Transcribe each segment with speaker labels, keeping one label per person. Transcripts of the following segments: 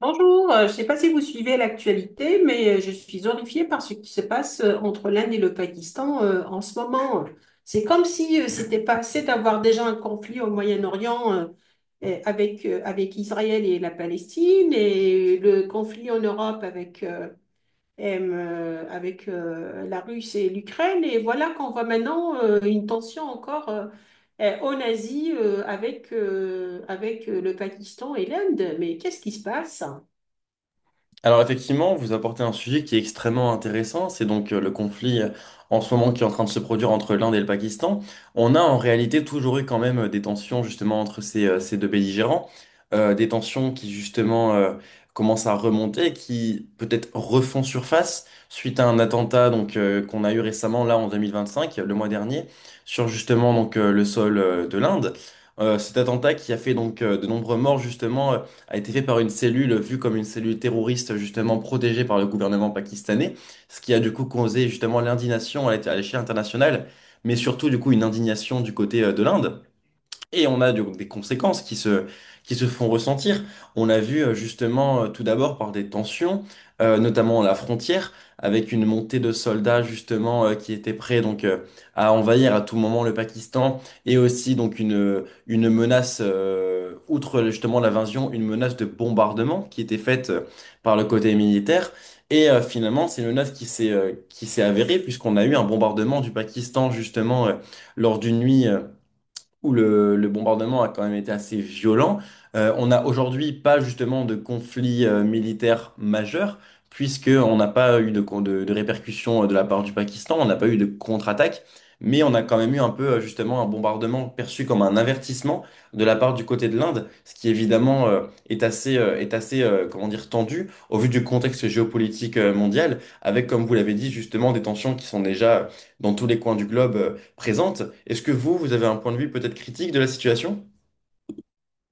Speaker 1: Bonjour, je ne sais pas si vous suivez l'actualité, mais je suis horrifiée par ce qui se passe entre l'Inde et le Pakistan en ce moment. C'est comme si c'était pas assez d'avoir déjà un conflit au Moyen-Orient et avec Israël et la Palestine, et le conflit en Europe avec la Russie et l'Ukraine. Et voilà qu'on voit maintenant une tension encore en Asie avec le Pakistan et l'Inde. Mais qu'est-ce qui se passe?
Speaker 2: Alors effectivement, vous apportez un sujet qui est extrêmement intéressant, c'est donc le conflit en ce moment qui est en train de se produire entre l'Inde et le Pakistan. On a en réalité toujours eu quand même des tensions justement entre ces deux belligérants, des tensions qui justement commencent à remonter, qui peut-être refont surface suite à un attentat donc qu'on a eu récemment là en 2025, le mois dernier, sur justement donc le sol de l'Inde. Cet attentat qui a fait donc de nombreux morts justement a été fait par une cellule vue comme une cellule terroriste justement protégée par le gouvernement pakistanais, ce qui a du coup causé justement l'indignation à à l'échelle internationale, mais surtout du coup une indignation du côté de l'Inde. Et on a donc des conséquences qui se font ressentir. On l'a vu justement tout d'abord par des tensions, notamment à la frontière, avec une montée de soldats justement qui étaient prêts donc à envahir à tout moment le Pakistan et aussi donc une menace, outre justement l'invasion, une menace de bombardement qui était faite par le côté militaire. Et finalement, c'est une menace qui s'est avérée puisqu'on a eu un bombardement du Pakistan justement lors d'une nuit où le bombardement a quand même été assez violent. On n'a aujourd'hui pas justement de conflit militaire majeur, puisqu'on n'a pas eu de répercussions de la part du Pakistan, on n'a pas eu de contre-attaque, mais on a quand même eu un peu justement un bombardement perçu comme un avertissement de la part du côté de l'Inde, ce qui évidemment est est assez comment dire, tendu au vu du contexte géopolitique mondial, avec comme vous l'avez dit justement des tensions qui sont déjà dans tous les coins du globe présente. Est-ce que vous avez un point de vue peut-être critique de la situation?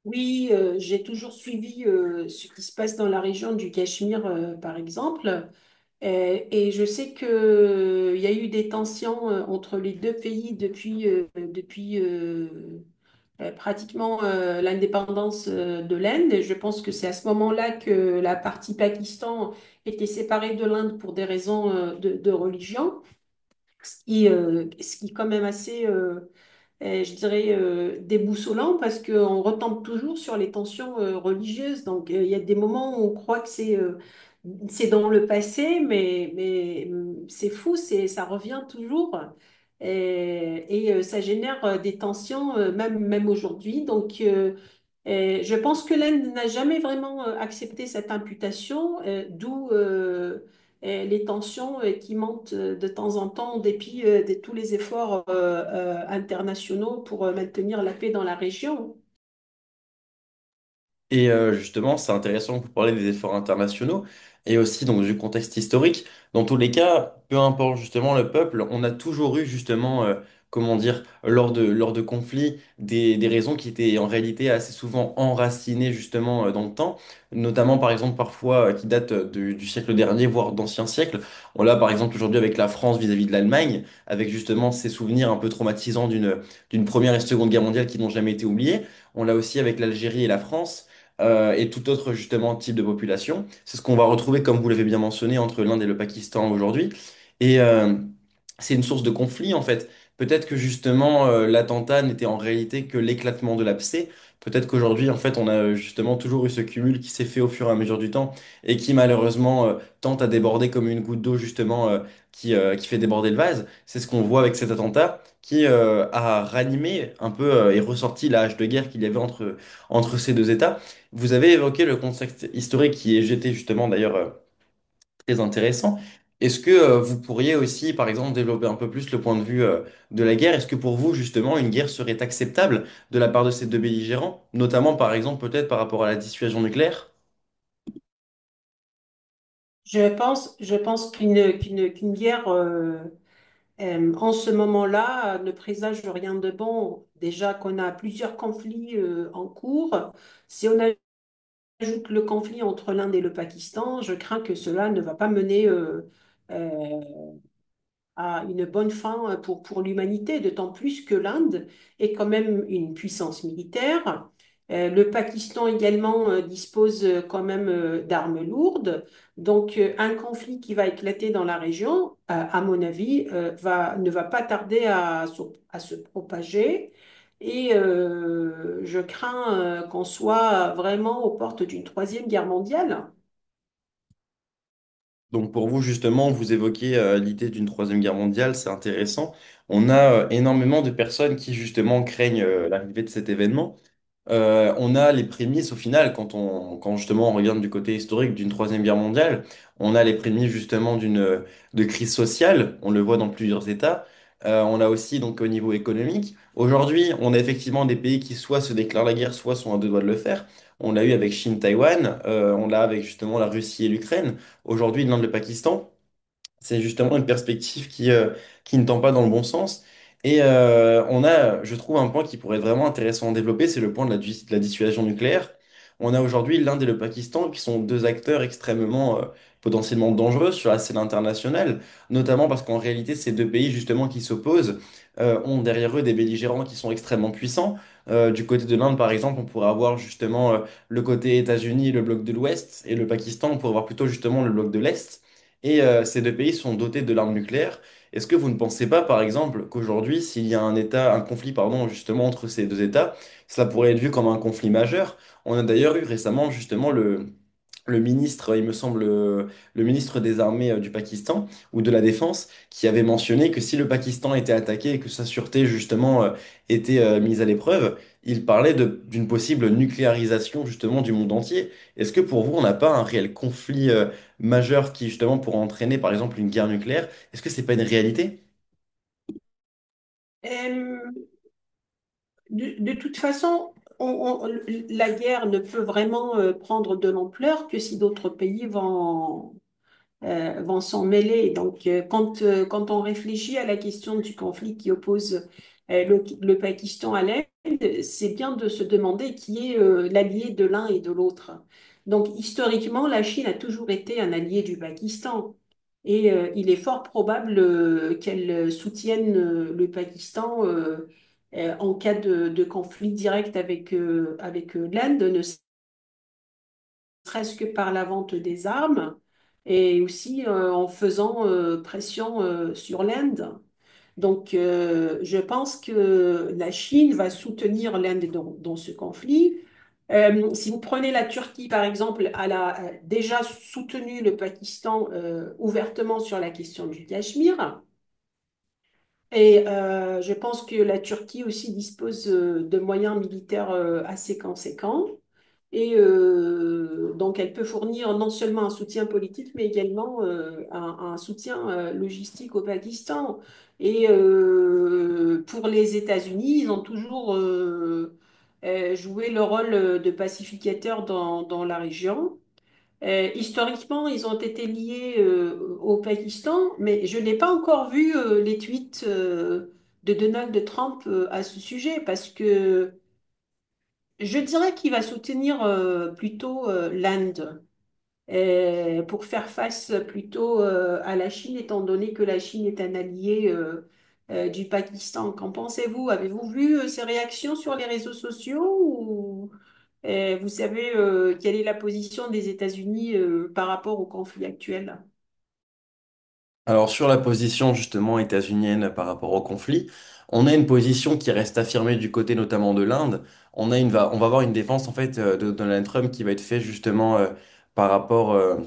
Speaker 1: Oui, j'ai toujours suivi ce qui se passe dans la région du Cachemire, par exemple. Et je sais que, il y a eu des tensions entre les deux pays depuis pratiquement l'indépendance de l'Inde. Et je pense que c'est à ce moment-là que la partie Pakistan était séparée de l'Inde pour des raisons de religion, ce qui est quand même assez, je dirais, déboussolant parce qu'on retombe toujours sur les tensions religieuses. Il y a des moments où on croit que c'est dans le passé, mais c'est fou, ça revient toujours. Ça génère des tensions, même aujourd'hui. Et je pense que l'Inde n'a jamais vraiment accepté cette imputation, d'où les tensions qui montent de temps en temps en dépit de tous les efforts internationaux pour maintenir la paix dans la région.
Speaker 2: Et justement, c'est intéressant que vous parlez des efforts internationaux et aussi donc du contexte historique. Dans tous les cas, peu importe justement le peuple, on a toujours eu justement, comment dire, lors de conflits, des raisons qui étaient en réalité assez souvent enracinées justement dans le temps, notamment par exemple parfois qui datent du siècle dernier, voire d'anciens siècles. On l'a par exemple aujourd'hui avec la France vis-à-vis de l'Allemagne, avec justement ces souvenirs un peu traumatisants d'une première et seconde guerre mondiale qui n'ont jamais été oubliés. On l'a aussi avec l'Algérie et la France et tout autre justement type de population. C'est ce qu'on va retrouver, comme vous l'avez bien mentionné, entre l'Inde et le Pakistan aujourd'hui. Et c'est une source de conflit en fait. Peut-être que justement l'attentat n'était en réalité que l'éclatement de l'abcès. Peut-être qu'aujourd'hui en fait on a justement toujours eu ce cumul qui s'est fait au fur et à mesure du temps et qui malheureusement tente à déborder comme une goutte d'eau justement qui fait déborder le vase. C'est ce qu'on voit avec cet attentat qui a ranimé un peu et ressorti la hache de guerre qu'il y avait entre ces deux États. Vous avez évoqué le contexte historique qui est jeté justement d'ailleurs très intéressant. Est-ce que vous pourriez aussi, par exemple, développer un peu plus le point de vue de la guerre? Est-ce que pour vous, justement, une guerre serait acceptable de la part de ces deux belligérants, notamment par exemple peut-être par rapport à la dissuasion nucléaire?
Speaker 1: Je pense qu'une guerre en ce moment-là ne présage rien de bon. Déjà qu'on a plusieurs conflits en cours. Si on a ajoute le conflit entre l'Inde et le Pakistan, je crains que cela ne va pas mener euh, à une bonne fin pour l'humanité, d'autant plus que l'Inde est quand même une puissance militaire. Le Pakistan également dispose quand même d'armes lourdes. Un conflit qui va éclater dans la région, à mon avis, ne va pas tarder à se propager. Et je crains qu'on soit vraiment aux portes d'une troisième guerre mondiale.
Speaker 2: Donc pour vous, justement, vous évoquez l'idée d'une troisième guerre mondiale, c'est intéressant. On a énormément de personnes qui justement craignent l'arrivée de cet événement. On a les prémices au final, quand justement on regarde du côté historique d'une Troisième Guerre mondiale, on a les prémices justement d'une de crise sociale, on le voit dans plusieurs États. On a aussi donc au niveau économique. Aujourd'hui, on a effectivement des pays qui soit se déclarent la guerre, soit sont à deux doigts de le faire. On l'a eu avec Chine, Taïwan, on l'a avec justement la Russie et l'Ukraine, aujourd'hui l'Inde, le Pakistan. C'est justement une perspective qui ne tend pas dans le bon sens. Et on a, je trouve, un point qui pourrait être vraiment intéressant à développer, c'est le point de de la dissuasion nucléaire. On a aujourd'hui l'Inde et le Pakistan qui sont deux acteurs extrêmement potentiellement dangereux sur la scène internationale, notamment parce qu'en réalité, ces deux pays justement qui s'opposent ont derrière eux des belligérants qui sont extrêmement puissants. Du côté de l'Inde, par exemple, on pourrait avoir justement le côté États-Unis, le bloc de l'Ouest, et le Pakistan, on pourrait avoir plutôt justement le bloc de l'Est et ces deux pays sont dotés de l'arme nucléaire. Est-ce que vous ne pensez pas, par exemple, qu'aujourd'hui, s'il y a un État, un conflit, pardon, justement entre ces deux États, cela pourrait être vu comme un conflit majeur? On a d'ailleurs eu récemment justement le ministre, il me semble, le ministre des Armées du Pakistan ou de la Défense, qui avait mentionné que si le Pakistan était attaqué et que sa sûreté, justement, était mise à l'épreuve, il parlait d'une possible nucléarisation, justement, du monde entier. Est-ce que pour vous, on n'a pas un réel conflit majeur qui, justement, pourrait entraîner, par exemple, une guerre nucléaire? Est-ce que c'est pas une réalité?
Speaker 1: Euh, de toute façon, on- on- la guerre ne peut vraiment prendre de l'ampleur que si d'autres pays vont s'en mêler. Donc, quand on réfléchit à la question du conflit qui oppose le Pakistan à l'Inde, c'est bien de se demander qui est l'allié de l'un et de l'autre. Donc, historiquement, la Chine a toujours été un allié du Pakistan. Et il est fort probable qu'elle soutienne le Pakistan en cas de conflit direct avec l'Inde, ne serait-ce que par la vente des armes et aussi en faisant pression sur l'Inde. Je pense que la Chine va soutenir l'Inde dans ce conflit. Si vous prenez la Turquie, par exemple, elle a déjà soutenu le Pakistan ouvertement sur la question du Cachemire. Et je pense que la Turquie aussi dispose de moyens militaires assez conséquents. Et donc, elle peut fournir non seulement un soutien politique, mais également un soutien logistique au Pakistan. Et pour les États-Unis, ils ont toujours joué le rôle de pacificateur dans la région. Historiquement, ils ont été liés au Pakistan, mais je n'ai pas encore vu les tweets de Donald Trump à ce sujet, parce que je dirais qu'il va soutenir plutôt l'Inde pour faire face plutôt à la Chine, étant donné que la Chine est un allié du Pakistan. Qu'en pensez-vous? Avez-vous vu ses réactions sur les réseaux sociaux ou vous savez quelle est la position des États-Unis par rapport au conflit actuel?
Speaker 2: Alors sur la position justement états-unienne par rapport au conflit, on a une position qui reste affirmée du côté notamment de l'Inde. On a on va avoir une défense en fait de Donald Trump qui va être faite justement par rapport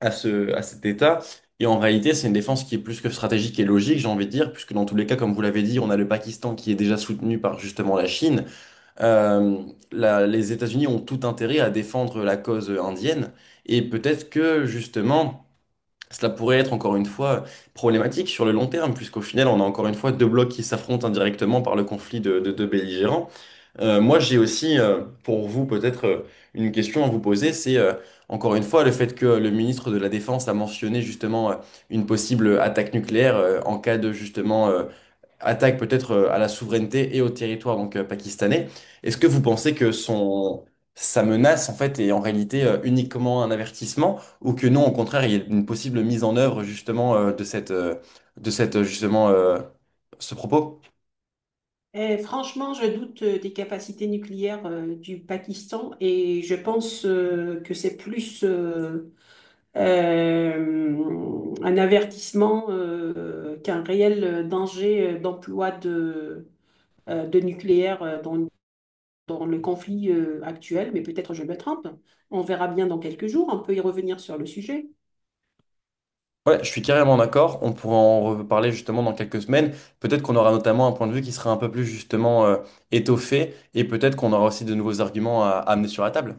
Speaker 2: à à cet État. Et en réalité, c'est une défense qui est plus que stratégique et logique, j'ai envie de dire, puisque dans tous les cas, comme vous l'avez dit, on a le Pakistan qui est déjà soutenu par justement la Chine. Euh, les États-Unis ont tout intérêt à défendre la cause indienne. Et peut-être que justement... Cela pourrait être encore une fois problématique sur le long terme, puisqu'au final, on a encore une fois deux blocs qui s'affrontent indirectement par le conflit de deux belligérants. Moi, j'ai aussi pour vous peut-être une question à vous poser, c'est encore une fois le fait que le ministre de la Défense a mentionné justement une possible attaque nucléaire en cas de justement attaque peut-être à la souveraineté et au territoire donc pakistanais. Est-ce que vous pensez que son sa menace en fait est en réalité uniquement un avertissement ou que non, au contraire, il y a une possible mise en œuvre justement de cette justement ce propos?
Speaker 1: Eh, franchement, je doute des capacités nucléaires du Pakistan et je pense que c'est plus un avertissement qu'un réel danger d'emploi de nucléaire dans le conflit actuel, mais peut-être je me trompe. On verra bien dans quelques jours, on peut y revenir sur le sujet.
Speaker 2: Ouais, je suis carrément d'accord. On pourra en reparler justement dans quelques semaines. Peut-être qu'on aura notamment un point de vue qui sera un peu plus justement étoffé et peut-être qu'on aura aussi de nouveaux arguments à amener sur la table.